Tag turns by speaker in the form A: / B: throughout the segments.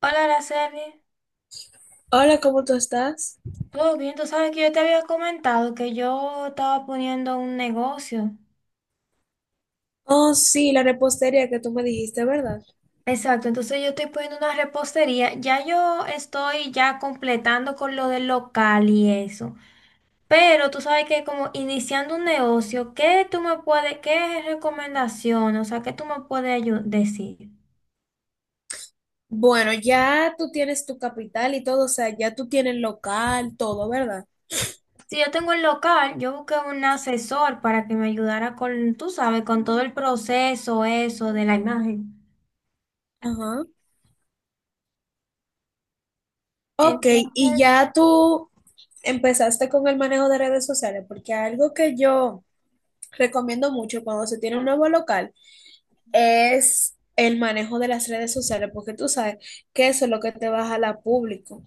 A: Hola, Araceli.
B: Hola, ¿cómo tú estás?
A: ¿Todo bien? Tú sabes que yo te había comentado que yo estaba poniendo un negocio.
B: Oh, sí, la repostería que tú me dijiste, ¿verdad?
A: Exacto, entonces yo estoy poniendo una repostería. Ya yo estoy ya completando con lo del local y eso. Pero tú sabes que como iniciando un negocio, ¿qué tú me puedes, qué recomendación, o sea, qué tú me puedes decir?
B: Bueno, ya tú tienes tu capital y todo, o sea, ya tú tienes local, todo, ¿verdad?
A: Si yo tengo el local, yo busqué un asesor para que me ayudara con, tú sabes, con todo el proceso, eso de la imagen.
B: Ajá. Ok, y
A: Entonces,
B: ya tú empezaste con el manejo de redes sociales, porque algo que yo recomiendo mucho cuando se tiene un nuevo local es el manejo de las redes sociales, porque tú sabes que eso es lo que te va a jalar público.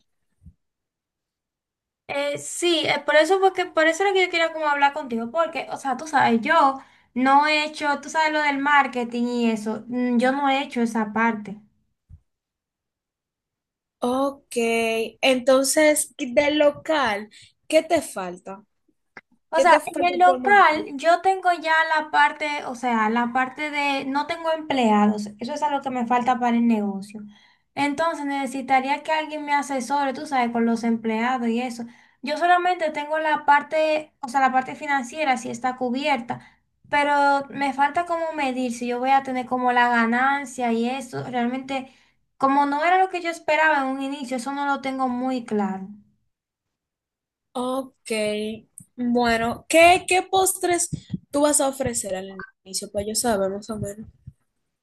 A: Sí, por eso, porque por eso era que yo quería como hablar contigo, porque, o sea, tú sabes, yo no he hecho, tú sabes lo del marketing y eso, yo no he hecho esa parte.
B: Ok, entonces, del local, ¿qué te falta?
A: O
B: ¿Qué
A: sea,
B: te
A: en
B: falta
A: el
B: por
A: local
B: montar?
A: yo tengo ya la parte, o sea, la parte de no tengo empleados. Eso es algo que me falta para el negocio. Entonces necesitaría que alguien me asesore, tú sabes, con los empleados y eso. Yo solamente tengo la parte, o sea, la parte financiera sí está cubierta, pero me falta como medir si yo voy a tener como la ganancia y eso. Realmente, como no era lo que yo esperaba en un inicio, eso no lo tengo muy claro.
B: Ok, bueno, ¿qué, qué postres tú vas a ofrecer al inicio? Pues yo saber más o menos.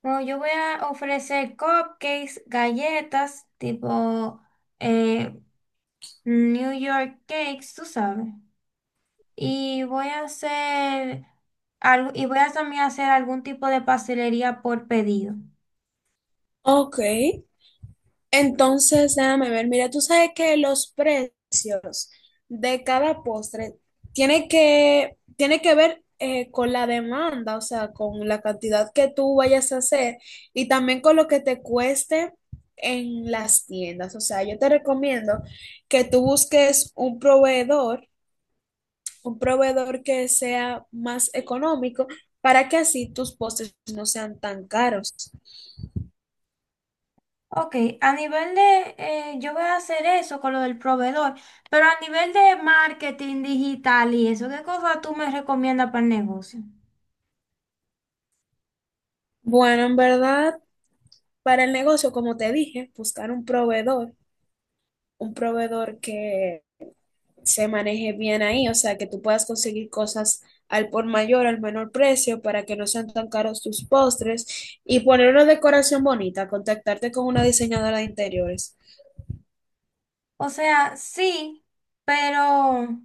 A: No, yo voy a ofrecer cupcakes, galletas, tipo eh, New York cakes, tú sabes. Y voy a hacer algo, y voy a también hacer algún tipo de pastelería por pedido.
B: Ok, entonces déjame ver, mira, tú sabes que los precios de cada postre tiene que ver con la demanda, o sea, con la cantidad que tú vayas a hacer y también con lo que te cueste en las tiendas. O sea, yo te recomiendo que tú busques un proveedor que sea más económico para que así tus postres no sean tan caros.
A: Ok, a nivel de, yo voy a hacer eso con lo del proveedor, pero a nivel de marketing digital y eso, ¿qué cosa tú me recomiendas para el negocio?
B: Bueno, en verdad, para el negocio, como te dije, buscar un proveedor que se maneje bien ahí, o sea, que tú puedas conseguir cosas al por mayor, al menor precio, para que no sean tan caros tus postres y poner una decoración bonita, contactarte con una diseñadora de interiores.
A: O sea, sí, pero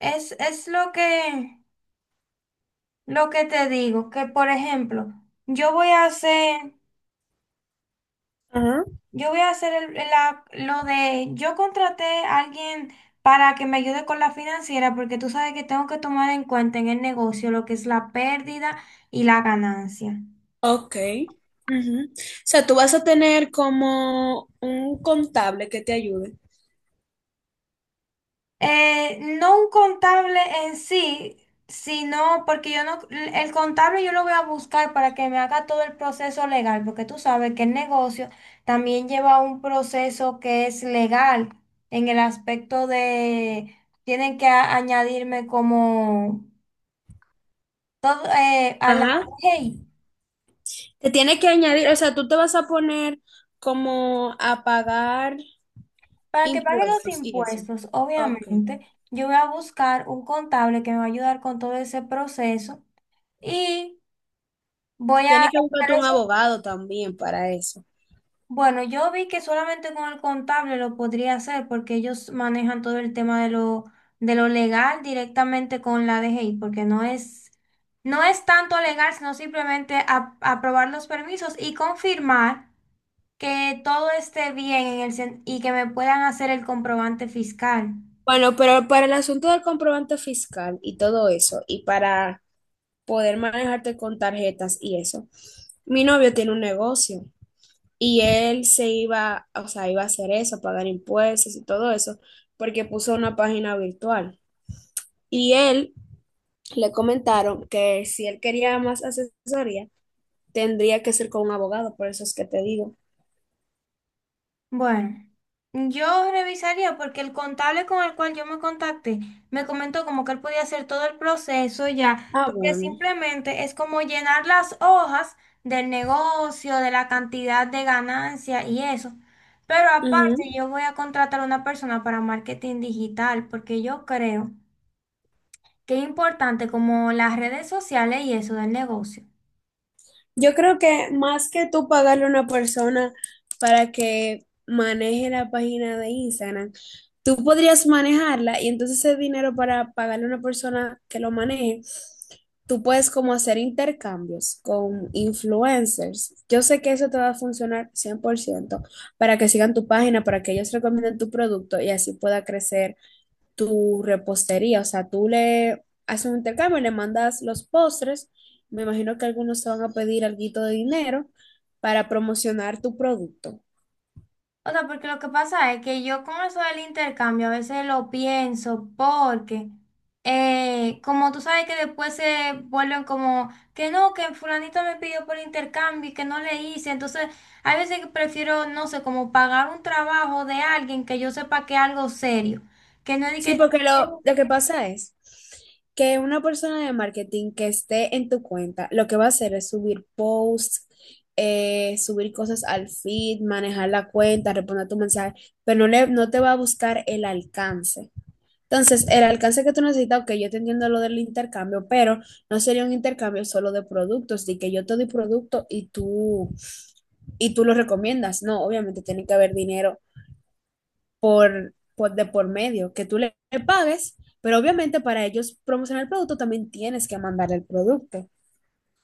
A: es lo que... Lo que te digo, que por ejemplo, yo voy a hacer,
B: Ajá.
A: yo voy a hacer lo de, yo contraté a alguien para que me ayude con la financiera, porque tú sabes que tengo que tomar en cuenta en el negocio lo que es la pérdida y la ganancia.
B: Ok. Ujú. O sea, tú vas a tener como un contable que te ayude.
A: No un contable en sí, sino porque yo no, el contable yo lo voy a buscar para que me haga todo el proceso legal, porque tú sabes que el negocio también lleva un proceso que es legal en el aspecto de, tienen que añadirme como todo a la
B: Ajá.
A: ley.
B: Te tiene que añadir, o sea, tú te vas a poner como a pagar
A: Para que pague los
B: impuestos y eso.
A: impuestos,
B: Ok.
A: obviamente, yo voy a buscar un contable que me va a ayudar con todo ese proceso y voy a...
B: Tienes que buscarte un abogado también para eso.
A: Bueno, yo vi que solamente con el contable lo podría hacer porque ellos manejan todo el tema de lo legal directamente con la DGI, porque no es, no es tanto legal, sino simplemente aprobar los permisos y confirmar que todo esté bien en el, y que me puedan hacer el comprobante fiscal.
B: Bueno, pero para el asunto del comprobante fiscal y todo eso, y para poder manejarte con tarjetas y eso, mi novio tiene un negocio. Y él se iba, o sea, iba a hacer eso, pagar impuestos y todo eso, porque puso una página virtual. Y él le comentaron que si él quería más asesoría, tendría que ser con un abogado, por eso es que te digo.
A: Bueno, yo revisaría porque el contable con el cual yo me contacté me comentó como que él podía hacer todo el proceso ya,
B: Ah,
A: porque
B: bueno.
A: simplemente es como llenar las hojas del negocio, de la cantidad de ganancia y eso. Pero aparte, yo voy a contratar a una persona para marketing digital porque yo creo que es importante como las redes sociales y eso del negocio.
B: Yo creo que más que tú pagarle a una persona para que maneje la página de Instagram, tú podrías manejarla y entonces ese dinero para pagarle a una persona que lo maneje, tú puedes como hacer intercambios con influencers. Yo sé que eso te va a funcionar 100% para que sigan tu página, para que ellos recomienden tu producto y así pueda crecer tu repostería, o sea, tú le haces un intercambio, le mandas los postres, me imagino que algunos te van a pedir alguito de dinero para promocionar tu producto.
A: O sea, porque lo que pasa es que yo con eso del intercambio a veces lo pienso porque, como tú sabes que después se vuelven como, que no, que fulanito me pidió por intercambio y que no le hice, entonces hay veces que prefiero, no sé, como pagar un trabajo de alguien que yo sepa que es algo serio, que no es de que,
B: Sí, porque
A: "Eh,
B: lo que pasa es que una persona de marketing que esté en tu cuenta, lo que va a hacer es subir posts, subir cosas al feed, manejar la cuenta, responder tu mensaje, pero no, no te va a buscar el alcance. Entonces, el alcance que tú necesitas, ok, yo te entiendo lo del intercambio, pero no sería un intercambio solo de productos, de que yo te doy producto y tú lo recomiendas. No, obviamente tiene que haber dinero de por medio, que le pagues, pero obviamente para ellos promocionar el producto también tienes que mandar el producto.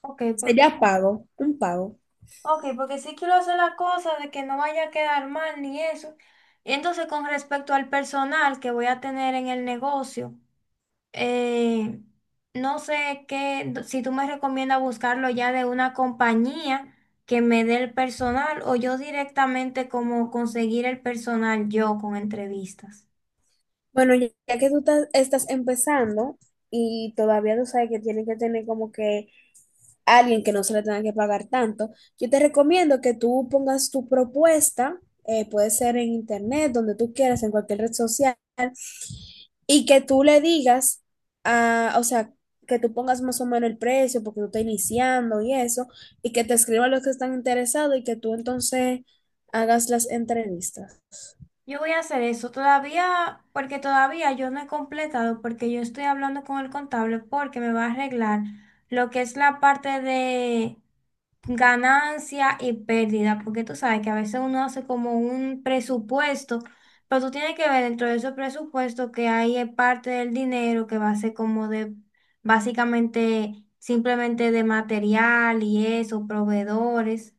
A: ok, porque,
B: Sería pago, un pago.
A: ok, porque sí quiero hacer la cosa de que no vaya a quedar mal ni eso. Y entonces con respecto al personal que voy a tener en el negocio. eh, no sé qué, si tú me recomiendas buscarlo ya de una compañía que me dé el personal o yo directamente como conseguir el personal yo con entrevistas.
B: Bueno, ya que estás empezando y todavía tú sabes que tienes que tener como que a alguien que no se le tenga que pagar tanto, yo te recomiendo que tú pongas tu propuesta, puede ser en internet, donde tú quieras, en cualquier red social, y que tú le digas, ah, o sea, que tú pongas más o menos el precio porque tú estás iniciando y eso, y que te escriban los que están interesados y que tú entonces hagas las entrevistas.
A: Yo voy a hacer eso todavía, porque todavía yo no he completado, porque yo estoy hablando con el contable porque me va a arreglar lo que es la parte de ganancia y pérdida, porque tú sabes que a veces uno hace como un presupuesto, pero tú tienes que ver dentro de esos presupuestos que ahí es parte del dinero que va a ser como de básicamente simplemente de material y eso, proveedores.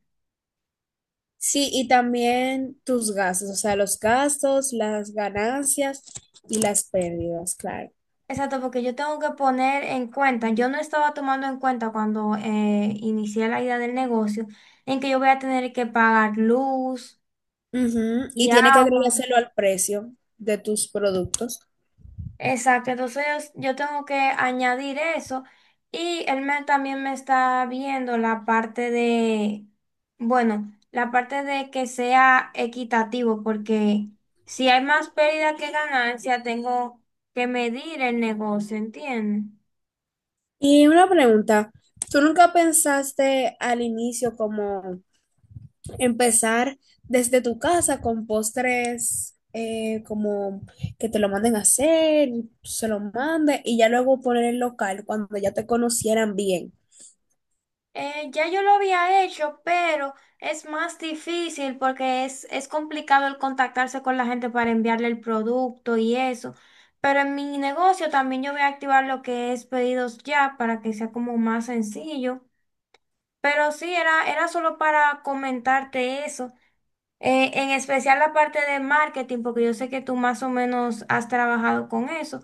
B: Sí, y también tus gastos, o sea, los gastos, las ganancias y las pérdidas, claro.
A: Exacto, porque yo tengo que poner en cuenta, yo no estaba tomando en cuenta cuando inicié la idea del negocio, en que yo voy a tener que pagar luz
B: Ujú, y
A: y
B: tiene que
A: agua.
B: agregárselo al precio de tus productos.
A: Exacto, entonces yo tengo que añadir eso y él me, también me está viendo la parte de, bueno, la parte de que sea equitativo, porque si hay más pérdida que ganancia, tengo que medir el negocio, ¿entiendes?
B: Y una pregunta, ¿tú nunca pensaste al inicio como empezar desde tu casa con postres como que te lo manden a hacer, y tú se lo mande y ya luego poner el local cuando ya te conocieran bien?
A: Ya yo lo había hecho, pero es más difícil porque es complicado el contactarse con la gente para enviarle el producto y eso. Pero en mi negocio también yo voy a activar lo que es pedidos ya para que sea como más sencillo. Pero sí, era, era solo para comentarte eso. En especial la parte de marketing, porque yo sé que tú más o menos has trabajado con eso.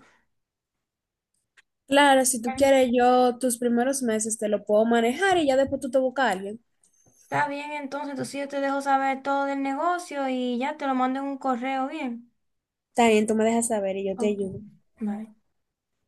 B: Claro, si tú
A: Mm.
B: quieres, yo tus primeros meses te lo puedo manejar y ya después tú te buscas a alguien.
A: Está bien, entonces, entonces yo te dejo saber todo del negocio y ya te lo mando en un correo bien.
B: También tú me dejas saber y yo te
A: Ok,
B: ayudo.
A: vale.